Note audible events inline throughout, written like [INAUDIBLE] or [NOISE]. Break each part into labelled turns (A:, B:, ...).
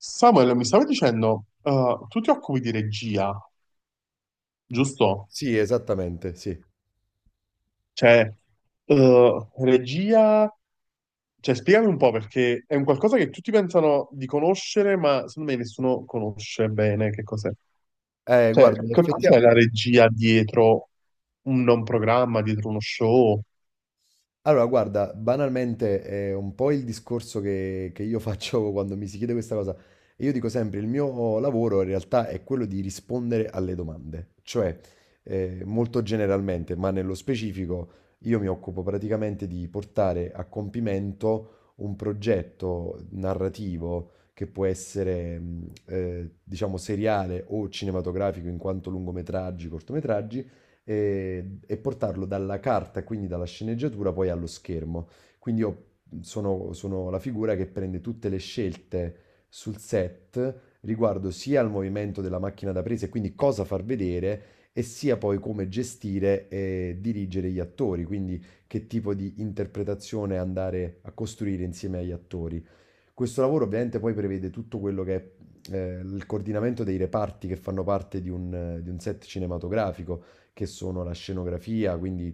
A: Samuel, mi stavi dicendo, tu ti occupi di regia, giusto?
B: Sì, esattamente, sì.
A: Cioè, regia, cioè, spiegami un po' perché è un qualcosa che tutti pensano di conoscere, ma secondo me nessuno conosce bene che cos'è.
B: Guarda,
A: Cioè,
B: in
A: che
B: effettia
A: cos'è la regia dietro un programma, dietro uno show?
B: allora guarda, banalmente è un po' il discorso che io faccio [LAUGHS] quando mi si chiede questa cosa. E io dico sempre, il mio lavoro in realtà è quello di rispondere alle domande. Cioè, molto generalmente, ma nello specifico, io mi occupo praticamente di portare a compimento un progetto narrativo che può essere, diciamo, seriale o cinematografico in quanto lungometraggi, cortometraggi e portarlo dalla carta, quindi dalla sceneggiatura, poi allo schermo. Quindi io sono la figura che prende tutte le scelte sul set riguardo sia al movimento della macchina da presa e quindi cosa far vedere, e sia poi come gestire e dirigere gli attori, quindi che tipo di interpretazione andare a costruire insieme agli attori. Questo lavoro ovviamente poi prevede tutto quello che è il coordinamento dei reparti che fanno parte di un set cinematografico, che sono la scenografia, quindi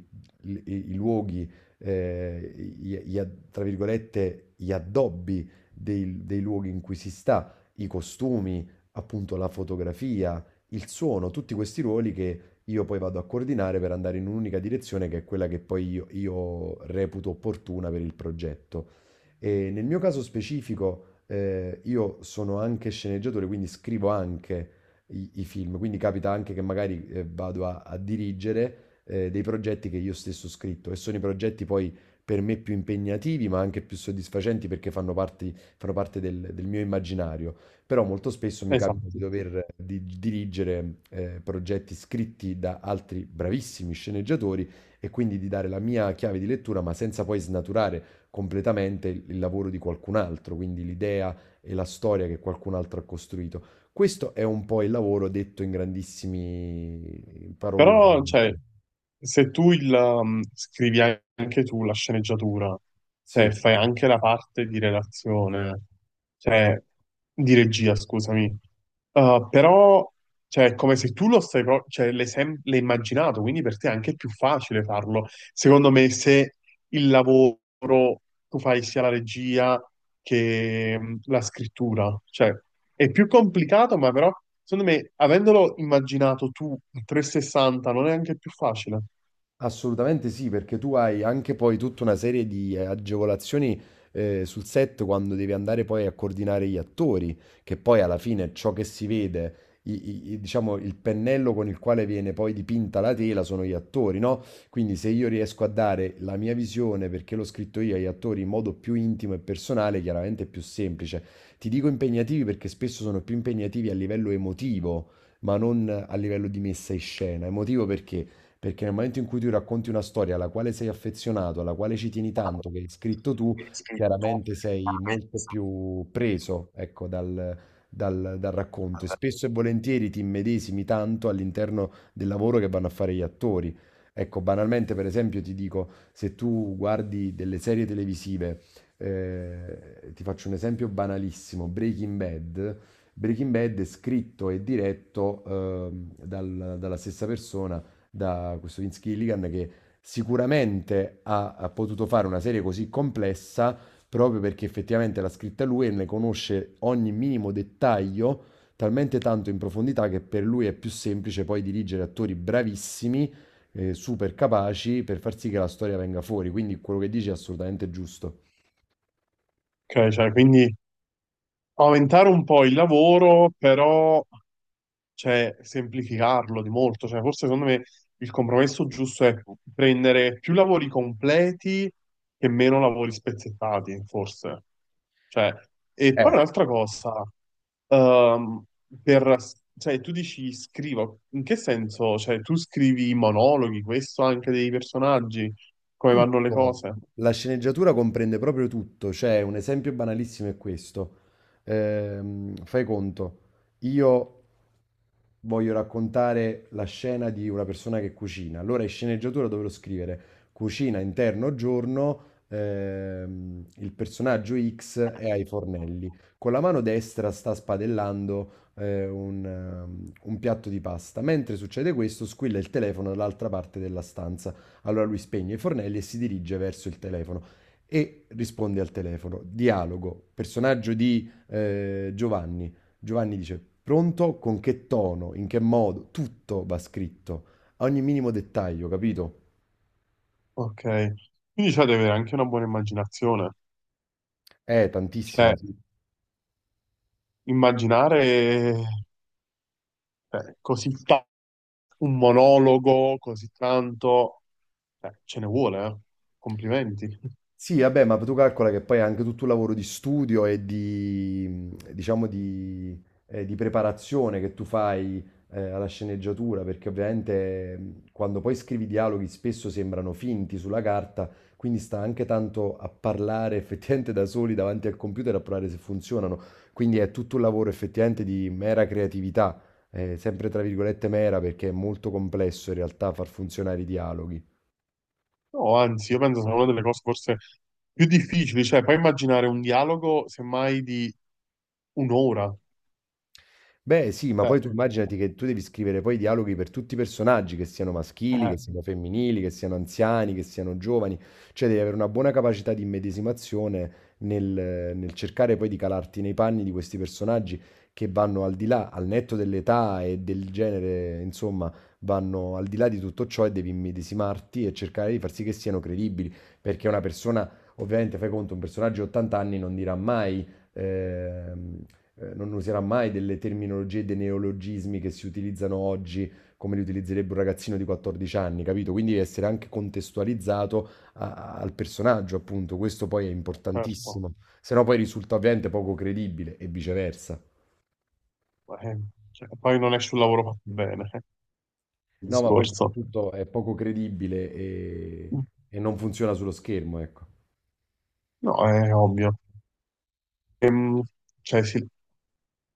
B: i luoghi, eh, tra virgolette, gli addobbi dei luoghi in cui si sta, i costumi, appunto la fotografia, il suono, tutti questi ruoli che io poi vado a coordinare per andare in un'unica direzione che è quella che poi io reputo opportuna per il progetto. E nel mio caso specifico, io sono anche sceneggiatore, quindi scrivo anche i film, quindi capita anche che magari vado a dirigere dei progetti che io stesso ho scritto e sono i progetti poi per me più impegnativi, ma anche più soddisfacenti perché fanno parte del mio immaginario. Però molto spesso mi capita di
A: Esatto.
B: dover dirigere progetti scritti da altri bravissimi sceneggiatori e quindi di dare la mia chiave di lettura, ma senza poi snaturare completamente il lavoro di qualcun altro, quindi l'idea e la storia che qualcun altro ha costruito. Questo è un po' il lavoro detto in grandissimi
A: Però,
B: paroloni.
A: cioè, se tu scrivi anche tu la sceneggiatura, cioè,
B: Sì.
A: fai anche la parte di relazione, cioè, di regia, scusami, però, cioè, è come se tu lo stai, pro- cioè, l'hai immaginato, quindi per te è anche più facile farlo. Secondo me, se il lavoro tu fai sia la regia che la scrittura, cioè, è più complicato, ma però, secondo me, avendolo immaginato tu in 360, non è anche più facile.
B: Assolutamente sì, perché tu hai anche poi tutta una serie di agevolazioni sul set quando devi andare poi a coordinare gli attori, che poi alla fine ciò che si vede, diciamo il pennello con il quale viene poi dipinta la tela sono gli attori, no? Quindi se io riesco a dare la mia visione, perché l'ho scritto io agli attori in modo più intimo e personale, chiaramente è più semplice. Ti dico impegnativi perché spesso sono più impegnativi a livello emotivo, ma non a livello di messa in scena. Emotivo perché? Perché nel momento in cui tu racconti una storia alla quale sei affezionato, alla quale ci tieni tanto, che hai scritto tu, chiaramente sei molto più preso, ecco, dal racconto e spesso e volentieri ti immedesimi tanto all'interno del lavoro che vanno a fare gli attori. Ecco, banalmente, per esempio, ti dico, se tu guardi delle serie televisive, ti faccio un esempio banalissimo, Breaking Bad. Breaking Bad è scritto e diretto dalla stessa persona, da questo Vince Gilligan che sicuramente ha potuto fare una serie così complessa proprio perché effettivamente l'ha scritta lui e ne conosce ogni minimo dettaglio talmente tanto in profondità che per lui è più semplice poi dirigere attori bravissimi, super capaci per far sì che la storia venga fuori. Quindi quello che dici è assolutamente giusto.
A: Ok, cioè, quindi aumentare un po' il lavoro, però cioè, semplificarlo di molto. Cioè, forse secondo me il compromesso giusto è prendere più lavori completi e meno lavori spezzettati, forse. Cioè, e
B: Eh.
A: poi un'altra cosa, ehm, per, cioè, tu dici scrivo, in che senso? Cioè, tu scrivi i monologhi, questo anche dei personaggi? Come vanno le
B: Tutto.
A: cose.
B: La sceneggiatura comprende proprio tutto, cioè un esempio banalissimo è questo. Fai conto, io voglio raccontare la scena di una persona che cucina, allora in sceneggiatura dovrò scrivere cucina interno giorno, il personaggio X è ai fornelli, con la mano destra sta spadellando un piatto di pasta, mentre succede questo squilla il telefono dall'altra parte della stanza. Allora lui spegne i fornelli e si dirige verso il telefono e risponde al telefono. Dialogo, personaggio di Giovanni. Giovanni dice, pronto? Con che tono? In che modo? Tutto va scritto, a ogni minimo dettaglio, capito?
A: Ok. Quindi c'è da avere anche una buona immaginazione. Cioè,
B: Tantissima, sì.
A: immaginare così tanto, un monologo, così tanto, ce ne vuole, eh. Complimenti.
B: Sì, vabbè, ma tu calcola che poi è anche tutto un lavoro di studio e di, diciamo, di preparazione che tu fai, alla sceneggiatura, perché ovviamente quando poi scrivi dialoghi spesso sembrano finti sulla carta, quindi sta anche tanto a parlare effettivamente da soli davanti al computer a provare se funzionano. Quindi è tutto un lavoro effettivamente di mera creatività, sempre tra virgolette mera, perché è molto complesso in realtà far funzionare i dialoghi.
A: No, anzi, io penso sia una delle cose forse più difficili, cioè puoi immaginare un dialogo semmai di un'ora.
B: Beh, sì, ma
A: Cioè,
B: poi tu immaginati che tu devi scrivere poi i dialoghi per tutti i personaggi, che siano maschili, che
A: eh,
B: siano femminili, che siano anziani, che siano giovani, cioè devi avere una buona capacità di immedesimazione nel cercare poi di calarti nei panni di questi personaggi che vanno al di là, al netto dell'età e del genere, insomma, vanno al di là di tutto ciò e devi immedesimarti e cercare di far sì che siano credibili, perché una persona, ovviamente, fai conto, un personaggio di 80 anni non dirà mai, ehm, non userà mai delle terminologie e dei neologismi che si utilizzano oggi come li utilizzerebbe un ragazzino di 14 anni, capito? Quindi essere anche contestualizzato al personaggio, appunto, questo poi è
A: certo,
B: importantissimo, se no poi risulta ovviamente poco credibile e viceversa.
A: eh, cioè, poi non esce un lavoro fatto bene, il
B: No, ma poi
A: discorso.
B: soprattutto è poco credibile e non funziona sullo schermo, ecco.
A: No, è ovvio. Ehm, cioè, sì,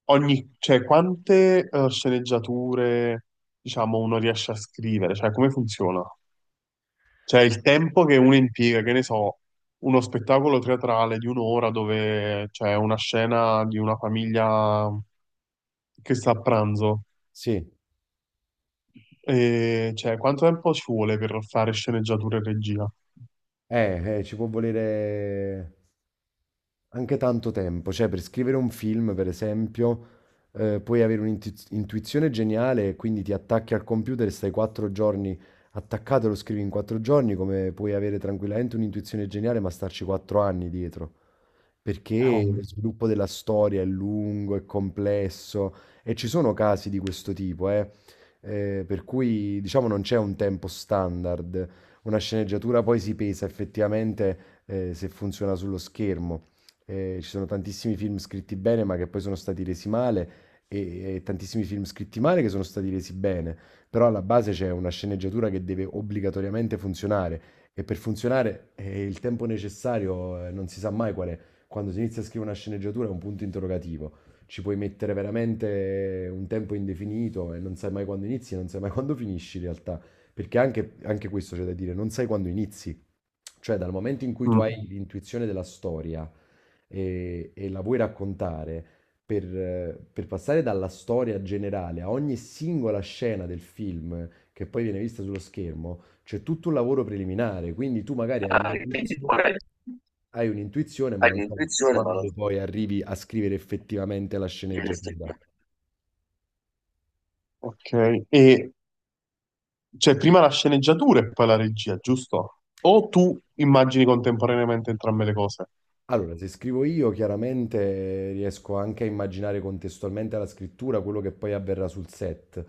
A: ogni, cioè, quante sceneggiature, diciamo, uno riesce a scrivere? Cioè, come funziona? Cioè, il tempo che uno impiega, che ne so, uno spettacolo teatrale di un'ora dove c'è una scena di una famiglia che sta a pranzo.
B: Sì,
A: E, cioè, quanto tempo ci vuole per fare sceneggiatura e regia?
B: ci può volere anche tanto tempo, cioè per scrivere un film, per esempio, puoi avere un'intuizione geniale, e quindi ti attacchi al computer e stai 4 giorni attaccato e lo scrivi in 4 giorni, come puoi avere tranquillamente un'intuizione geniale, ma starci 4 anni dietro perché
A: Oh,
B: lo sviluppo della storia è lungo, è complesso e ci sono casi di questo tipo, per cui diciamo non c'è un tempo standard. Una sceneggiatura poi si pesa effettivamente se funziona sullo schermo. Ci sono tantissimi film scritti bene ma che poi sono stati resi male e tantissimi film scritti male che sono stati resi bene, però alla base c'è una sceneggiatura che deve obbligatoriamente funzionare e per funzionare il tempo necessario non si sa mai qual è. Quando si inizia a scrivere una sceneggiatura è un punto interrogativo. Ci puoi mettere veramente un tempo indefinito e non sai mai quando inizi, non sai mai [LAUGHS] quando finisci in realtà. Perché anche, anche questo c'è da dire, non sai quando inizi. Cioè dal momento in cui tu
A: mm.
B: hai l'intuizione della storia e la vuoi raccontare, per passare dalla storia generale a ogni singola scena del film che poi viene vista sullo schermo, c'è tutto un lavoro preliminare. Quindi tu magari hai
A: Ah,
B: un
A: quindi
B: inizio.
A: poi
B: Hai un'intuizione, ma
A: hai
B: non sai
A: l'intuizione, ma non
B: quando poi arrivi a scrivere effettivamente la
A: devi
B: sceneggiatura.
A: effettivamente. Ok. E c'è prima la sceneggiatura e poi la regia, giusto? O tu immagini contemporaneamente entrambe le cose?
B: Allora, se scrivo io, chiaramente riesco anche a immaginare contestualmente alla scrittura quello che poi avverrà sul set.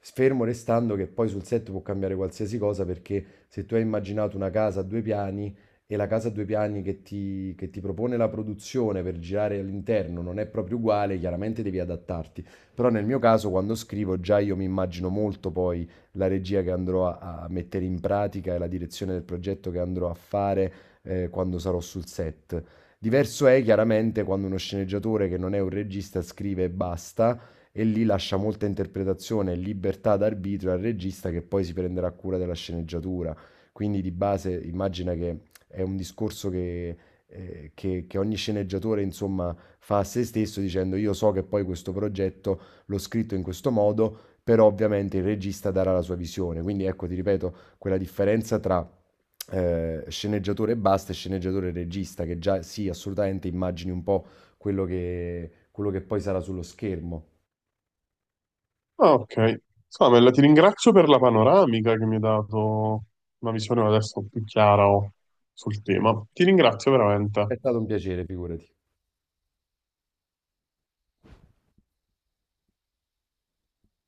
B: Fermo restando che poi sul set può cambiare qualsiasi cosa, perché se tu hai immaginato una casa a 2 piani e la casa a 2 piani che ti propone la produzione per girare all'interno non è proprio uguale, chiaramente devi adattarti. Però nel mio caso, quando scrivo, già io mi immagino molto poi la regia che andrò a mettere in pratica e la direzione del progetto che andrò a fare quando sarò sul set. Diverso è chiaramente quando uno sceneggiatore che non è un regista scrive e basta, e lì lascia molta interpretazione e libertà d'arbitrio al regista che poi si prenderà cura della sceneggiatura. Quindi di base immagina che è un discorso che ogni sceneggiatore insomma fa a se stesso dicendo io so che poi questo progetto l'ho scritto in questo modo, però ovviamente il regista darà la sua visione. Quindi ecco, ti ripeto, quella differenza tra sceneggiatore e basta e sceneggiatore e regista, che già sì, assolutamente immagini un po' quello che poi sarà sullo schermo.
A: Ah, ok. Samuel, ti ringrazio per la panoramica che mi hai dato una visione adesso più chiara oh, sul tema. Ti ringrazio veramente.
B: È stato un piacere, figurati.